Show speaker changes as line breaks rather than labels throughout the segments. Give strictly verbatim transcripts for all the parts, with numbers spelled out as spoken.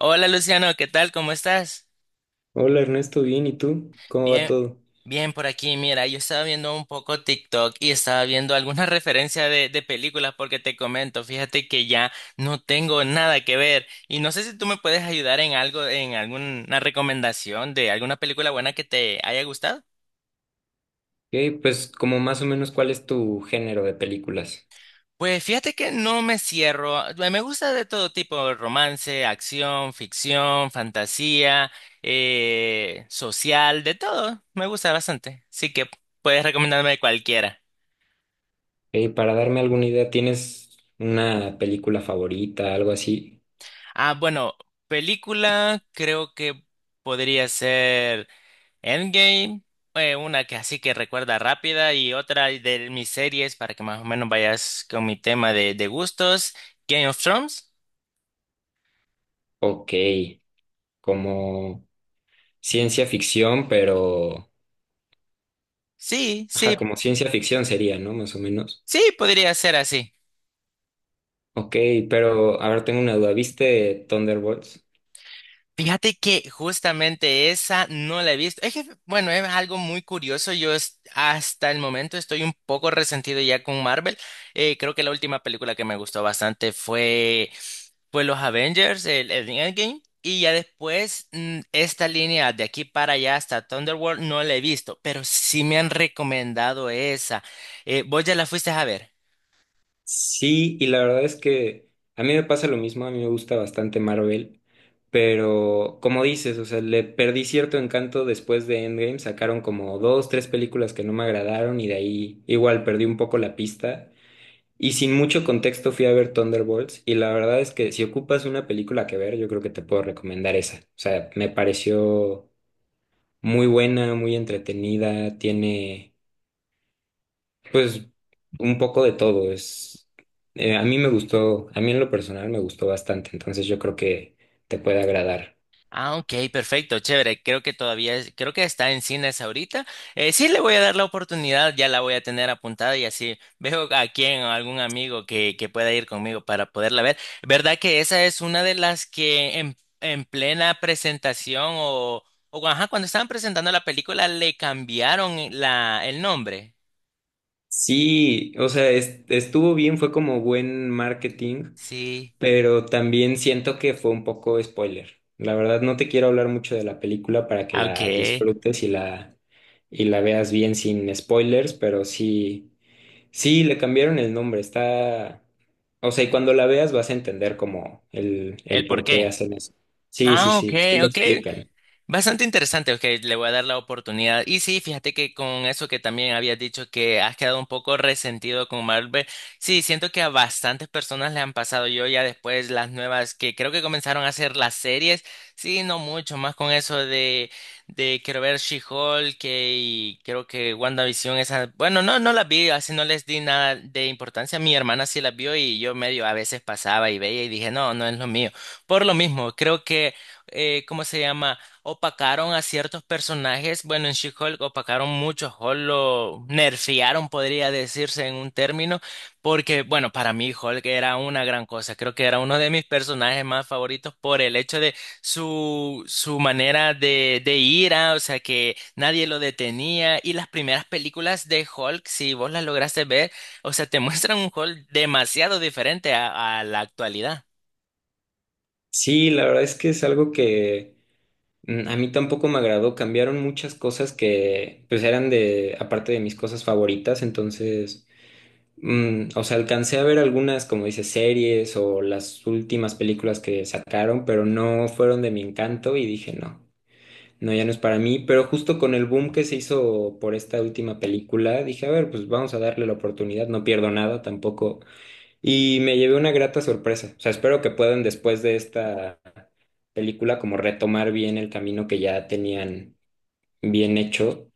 Hola Luciano, ¿qué tal? ¿Cómo estás?
Hola Ernesto, bien, ¿y tú? ¿Cómo va
Bien,
todo?
bien por aquí. Mira, yo estaba viendo un poco TikTok y estaba viendo alguna referencia de, de películas porque te comento, fíjate que ya no tengo nada que ver y no sé si tú me puedes ayudar en algo, en alguna recomendación de alguna película buena que te haya gustado.
Ok, pues como más o menos cuál es tu género de películas.
Pues fíjate que no me cierro. a- Me gusta de todo tipo: romance, acción, ficción, fantasía, eh, social, de todo. Me gusta bastante. Así que puedes recomendarme cualquiera.
Eh, para darme alguna idea, ¿tienes una película favorita, algo así?
Ah, bueno, película creo que podría ser Endgame, eh, una que así que recuerda rápida, y otra de mis series para que más o menos vayas con mi tema de, de gustos. Game of Thrones.
Ok, como ciencia ficción, pero...
Sí,
Ajá,
sí,
como ciencia ficción sería, ¿no? Más o menos.
sí, podría ser así.
Ok, pero a ver, tengo una duda. ¿Viste Thunderbolts?
Fíjate que justamente esa no la he visto. Es que, bueno, es algo muy curioso. Yo es- hasta el momento estoy un poco resentido ya con Marvel. Eh, creo que la última película que me gustó bastante fue, fue los Avengers, el, el Endgame. Y ya después, mm, esta línea de aquí para allá hasta Thunderworld no la he visto, pero sí me han recomendado esa. Eh, ¿vos ya la fuiste a ver?
Sí, y la verdad es que a mí me pasa lo mismo, a mí me gusta bastante Marvel, pero como dices, o sea, le perdí cierto encanto después de Endgame, sacaron como dos, tres películas que no me agradaron y de ahí igual perdí un poco la pista. Y sin mucho contexto fui a ver Thunderbolts y la verdad es que si ocupas una película que ver, yo creo que te puedo recomendar esa. O sea, me pareció muy buena, muy entretenida, tiene... Pues un poco de todo es eh, a mí me gustó, a mí en lo personal me gustó bastante, entonces yo creo que te puede agradar.
Ah, ok, perfecto, chévere. Creo que todavía, es- creo que está en cines ahorita. Eh, sí, le voy a dar la oportunidad, ya la voy a tener apuntada y así veo a quién o algún amigo que, que pueda ir conmigo para poderla ver. ¿Verdad que esa es una de las que en, en plena presentación o, o ajá, cuando estaban presentando la película le cambiaron la, el nombre?
Sí, o sea, es- estuvo bien, fue como buen marketing,
Sí.
pero también siento que fue un poco spoiler. La verdad no te quiero hablar mucho de la película para que
Ah, ok.
la disfrutes y la y la veas bien sin spoilers, pero sí sí, le cambiaron el nombre, está... O sea, y cuando la veas vas a entender como el,
¿El
el
por
por qué
qué?
hacen eso. Sí, sí,
Ah, ok,
sí, sí lo
ok.
explican.
Bastante interesante, ok, le voy a dar la oportunidad. Y sí, fíjate que con eso que también habías dicho que has quedado un poco resentido con Marvel, sí, siento que a bastantes personas le han pasado. Yo ya después las nuevas que creo que comenzaron a hacer las series, sí, no mucho, más con eso de, de quiero ver She-Hulk que- y creo que WandaVision, esa, bueno, no, no las vi, así no les di nada de importancia. Mi hermana sí las vio y yo medio a veces pasaba y veía y dije, no, no es lo mío. Por lo mismo, creo que, eh, ¿cómo se llama? Opacaron a ciertos personajes. Bueno, en She-Hulk opacaron mucho, Hulk lo nerfearon, podría decirse en un término, porque, bueno, para mí Hulk era una gran cosa. Creo que era uno de mis personajes más favoritos por el hecho de su, su manera de, de ira, o sea, que nadie lo detenía. Y las primeras películas de Hulk, si vos las lograste ver, o sea, te muestran un Hulk demasiado diferente a a la actualidad.
Sí, la verdad es que es algo que mm, a mí tampoco me agradó. Cambiaron muchas cosas que pues eran de, aparte de mis cosas favoritas, entonces, mm, o sea, alcancé a ver algunas, como dices, series o las últimas películas que sacaron, pero no fueron de mi encanto y dije no. No, ya no es para mí, pero justo con el boom que se hizo por esta última película, dije, a ver, pues vamos a darle la oportunidad, no pierdo nada tampoco. Y me llevé una grata sorpresa. O sea, espero que puedan después de esta película como retomar bien el camino que ya tenían bien hecho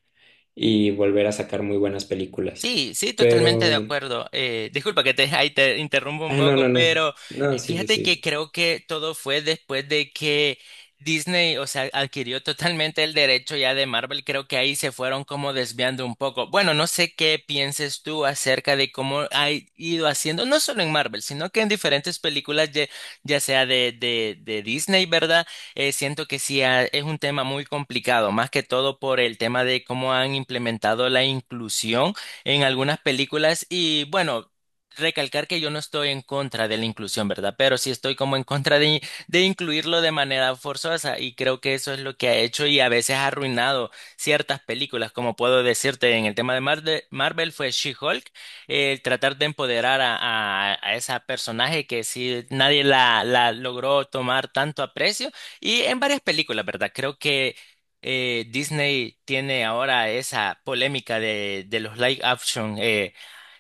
y volver a sacar muy buenas películas.
Sí, sí, totalmente de
Pero...
acuerdo. Eh, disculpa que te, ahí te interrumpo un
Ah, no, no,
poco,
no.
pero
No,
eh,
sigue,
fíjate que
sigue.
creo que todo fue después de que Disney, o sea, adquirió totalmente el derecho ya de Marvel. Creo que ahí se fueron como desviando un poco. Bueno, no sé qué pienses tú acerca de cómo ha ido haciendo, no solo en Marvel, sino que en diferentes películas, ya, ya sea de, de, de Disney, ¿verdad? Eh, siento que sí ha- es un tema muy complicado, más que todo por el tema de cómo han implementado la inclusión en algunas películas y bueno, recalcar que yo no estoy en contra de la inclusión, ¿verdad? Pero sí estoy como en contra de, de incluirlo de manera forzosa, y creo que eso es lo que ha hecho y a veces ha arruinado ciertas películas, como puedo decirte en el tema de Mar- de Marvel fue She-Hulk, el tratar de empoderar a, a, a esa personaje que sí nadie la, la logró tomar tanto aprecio, y en varias películas, ¿verdad? Creo que eh, Disney tiene ahora esa polémica de, de los live action, eh,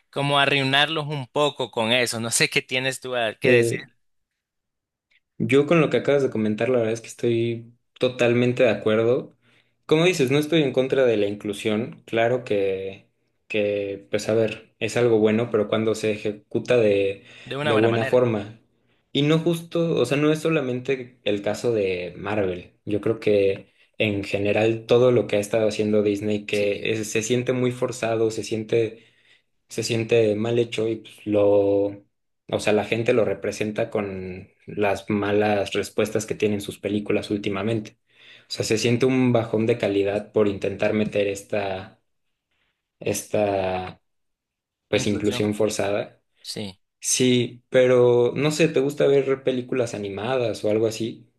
como arruinarlos un poco con eso. No sé qué tienes tú a- que decir
Eh, Yo con lo que acabas de comentar, la verdad es que estoy totalmente de acuerdo. Como dices, no estoy en contra de la inclusión. Claro que, que pues a ver, es algo bueno, pero cuando se ejecuta de,
de una
de
buena
buena
manera.
forma. Y no justo, o sea, no es solamente el caso de Marvel. Yo creo que en general todo lo que ha estado haciendo Disney,
Sí,
que es- se siente muy forzado, se siente se siente mal hecho y pues, lo, o sea, la gente lo representa con las malas respuestas que tienen sus películas últimamente. O sea, se siente un bajón de calidad por intentar meter esta, esta, pues,
inclusión.
inclusión forzada.
Sí.
Sí, pero no sé, ¿te gusta ver películas animadas o algo así?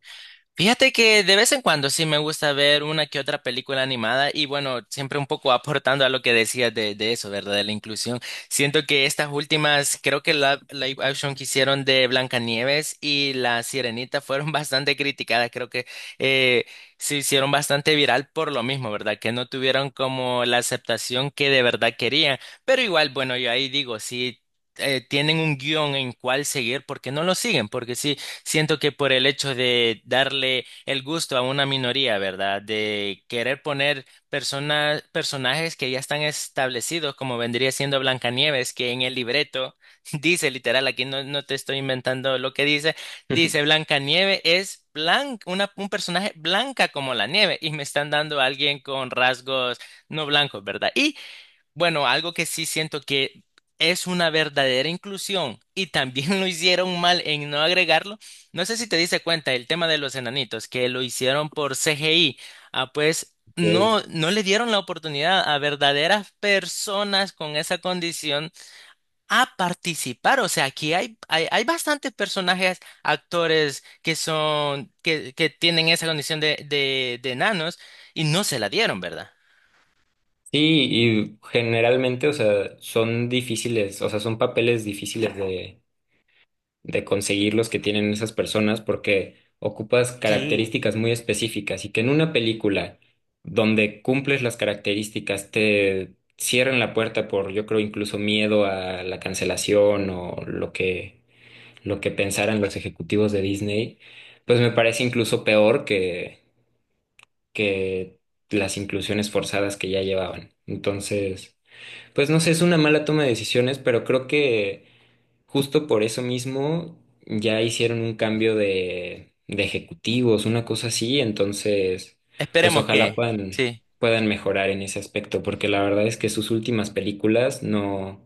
Fíjate que de vez en cuando sí me gusta ver una que otra película animada y bueno, siempre un poco aportando a lo que decías de, de eso, ¿verdad? De la inclusión. Siento que estas últimas, creo que la live action que hicieron de Blancanieves y La Sirenita fueron bastante criticadas. Creo que eh, se hicieron bastante viral por lo mismo, ¿verdad? Que no tuvieron como la aceptación que de verdad querían. Pero igual, bueno, yo ahí digo, sí. eh, tienen un guión en cuál seguir, porque no lo siguen? Porque sí, Siento que por el hecho de darle el gusto a una minoría, ¿verdad? De querer poner personas, personajes que ya están establecidos, como vendría siendo Blancanieves, que en el libreto dice literal, aquí no, no te estoy inventando lo que dice, dice Blancanieves es blanca, una, un personaje blanca como la nieve, y me están dando a alguien con rasgos no blancos, ¿verdad? Y bueno, algo que sí siento que es una verdadera inclusión y también lo hicieron mal en no agregarlo. No sé si te diste cuenta el tema de los enanitos, que lo hicieron por C G I. Ah, pues
Ok.
no, no le dieron la oportunidad a verdaderas personas con esa condición a participar. O sea, aquí hay, hay, hay bastantes personajes, actores que son, que, que tienen esa condición de, de, de enanos, y no se la dieron, ¿verdad?
Sí, y generalmente, o sea, son difíciles, o sea, son papeles difíciles de, de conseguir los que tienen esas personas porque ocupas
Sí.
características muy específicas y que en una película donde cumples las características te cierran la puerta por, yo creo, incluso miedo a la cancelación o lo que, lo que pensaran los ejecutivos de Disney, pues me parece incluso peor que, que las inclusiones forzadas que ya llevaban. Entonces, pues no sé, es una mala toma de decisiones, pero creo que justo por eso mismo ya hicieron un cambio de, de ejecutivos, una cosa así, entonces, pues
Esperemos
ojalá
que,
puedan,
sí.
puedan mejorar en ese aspecto, porque la verdad es que sus últimas películas no,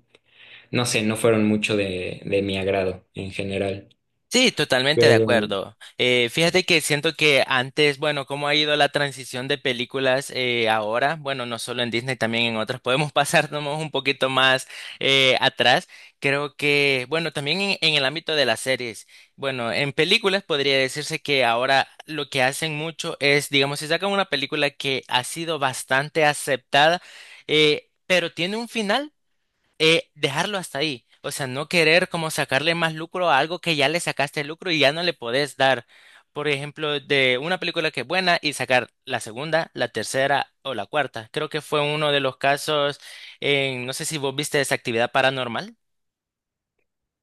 no sé, no fueron mucho de, de mi agrado en general.
Sí, totalmente de
Pero
acuerdo. Eh, fíjate que siento que antes, bueno, cómo ha ido la transición de películas, eh, ahora, bueno, no solo en Disney, también en otras, podemos pasarnos un poquito más eh, atrás. Creo que, bueno, también en, en el ámbito de las series, bueno, en películas podría decirse que ahora lo que hacen mucho es, digamos, si sacan una película que ha sido bastante aceptada, eh, pero tiene un final, eh, dejarlo hasta ahí. O sea, no querer como sacarle más lucro a algo que ya le sacaste lucro y ya no le podés dar. Por ejemplo, de una película que es buena y sacar la segunda, la tercera o la cuarta. Creo que fue uno de los casos en, no sé si vos viste esa Actividad Paranormal.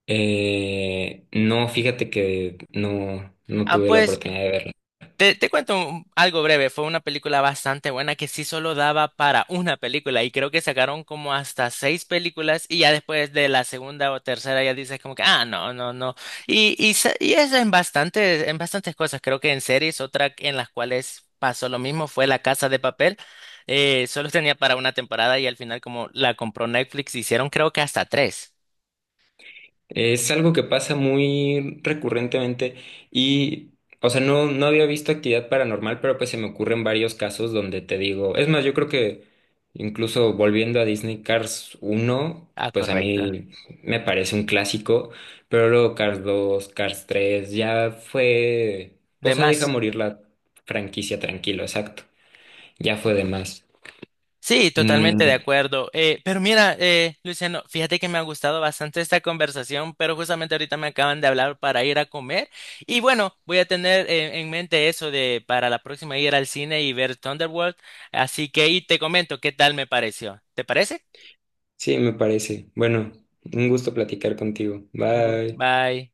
eh, no, fíjate que no, no
Ah,
tuve la
pues
oportunidad de verla.
Te, te cuento un- algo breve, fue una película bastante buena que sí solo daba para una película y creo que sacaron como hasta seis películas, y ya después de la segunda o tercera ya dices como que, ah, no, no, no. Y, y, sa- y eso en bastantes, en bastantes cosas. Creo que en series, otra en las cuales pasó lo mismo fue La Casa de Papel, eh, solo tenía para una temporada y al final como la compró Netflix hicieron creo que hasta tres.
Es algo que pasa muy recurrentemente y, o sea, no, no había visto actividad paranormal, pero pues se me ocurren varios casos donde te digo, es más, yo creo que incluso volviendo a Disney Cars uno
Ah,
pues a
correcto.
mí me parece un clásico, pero luego Cars dos Cars tres ya fue, o
De
sea, deja
más.
morir la franquicia tranquilo, exacto, ya fue de más.
Sí, totalmente de
Mm,
acuerdo. Eh, pero mira, eh, Luciano, fíjate que me ha gustado bastante esta conversación, pero justamente ahorita me acaban de hablar para ir a comer. Y bueno, voy a tener eh, en mente eso de para la próxima ir al cine y ver Thunderworld. Así que ahí te comento qué tal me pareció. ¿Te parece?
sí, me parece. Bueno, un gusto platicar contigo.
Gu-
Bye.
Bye.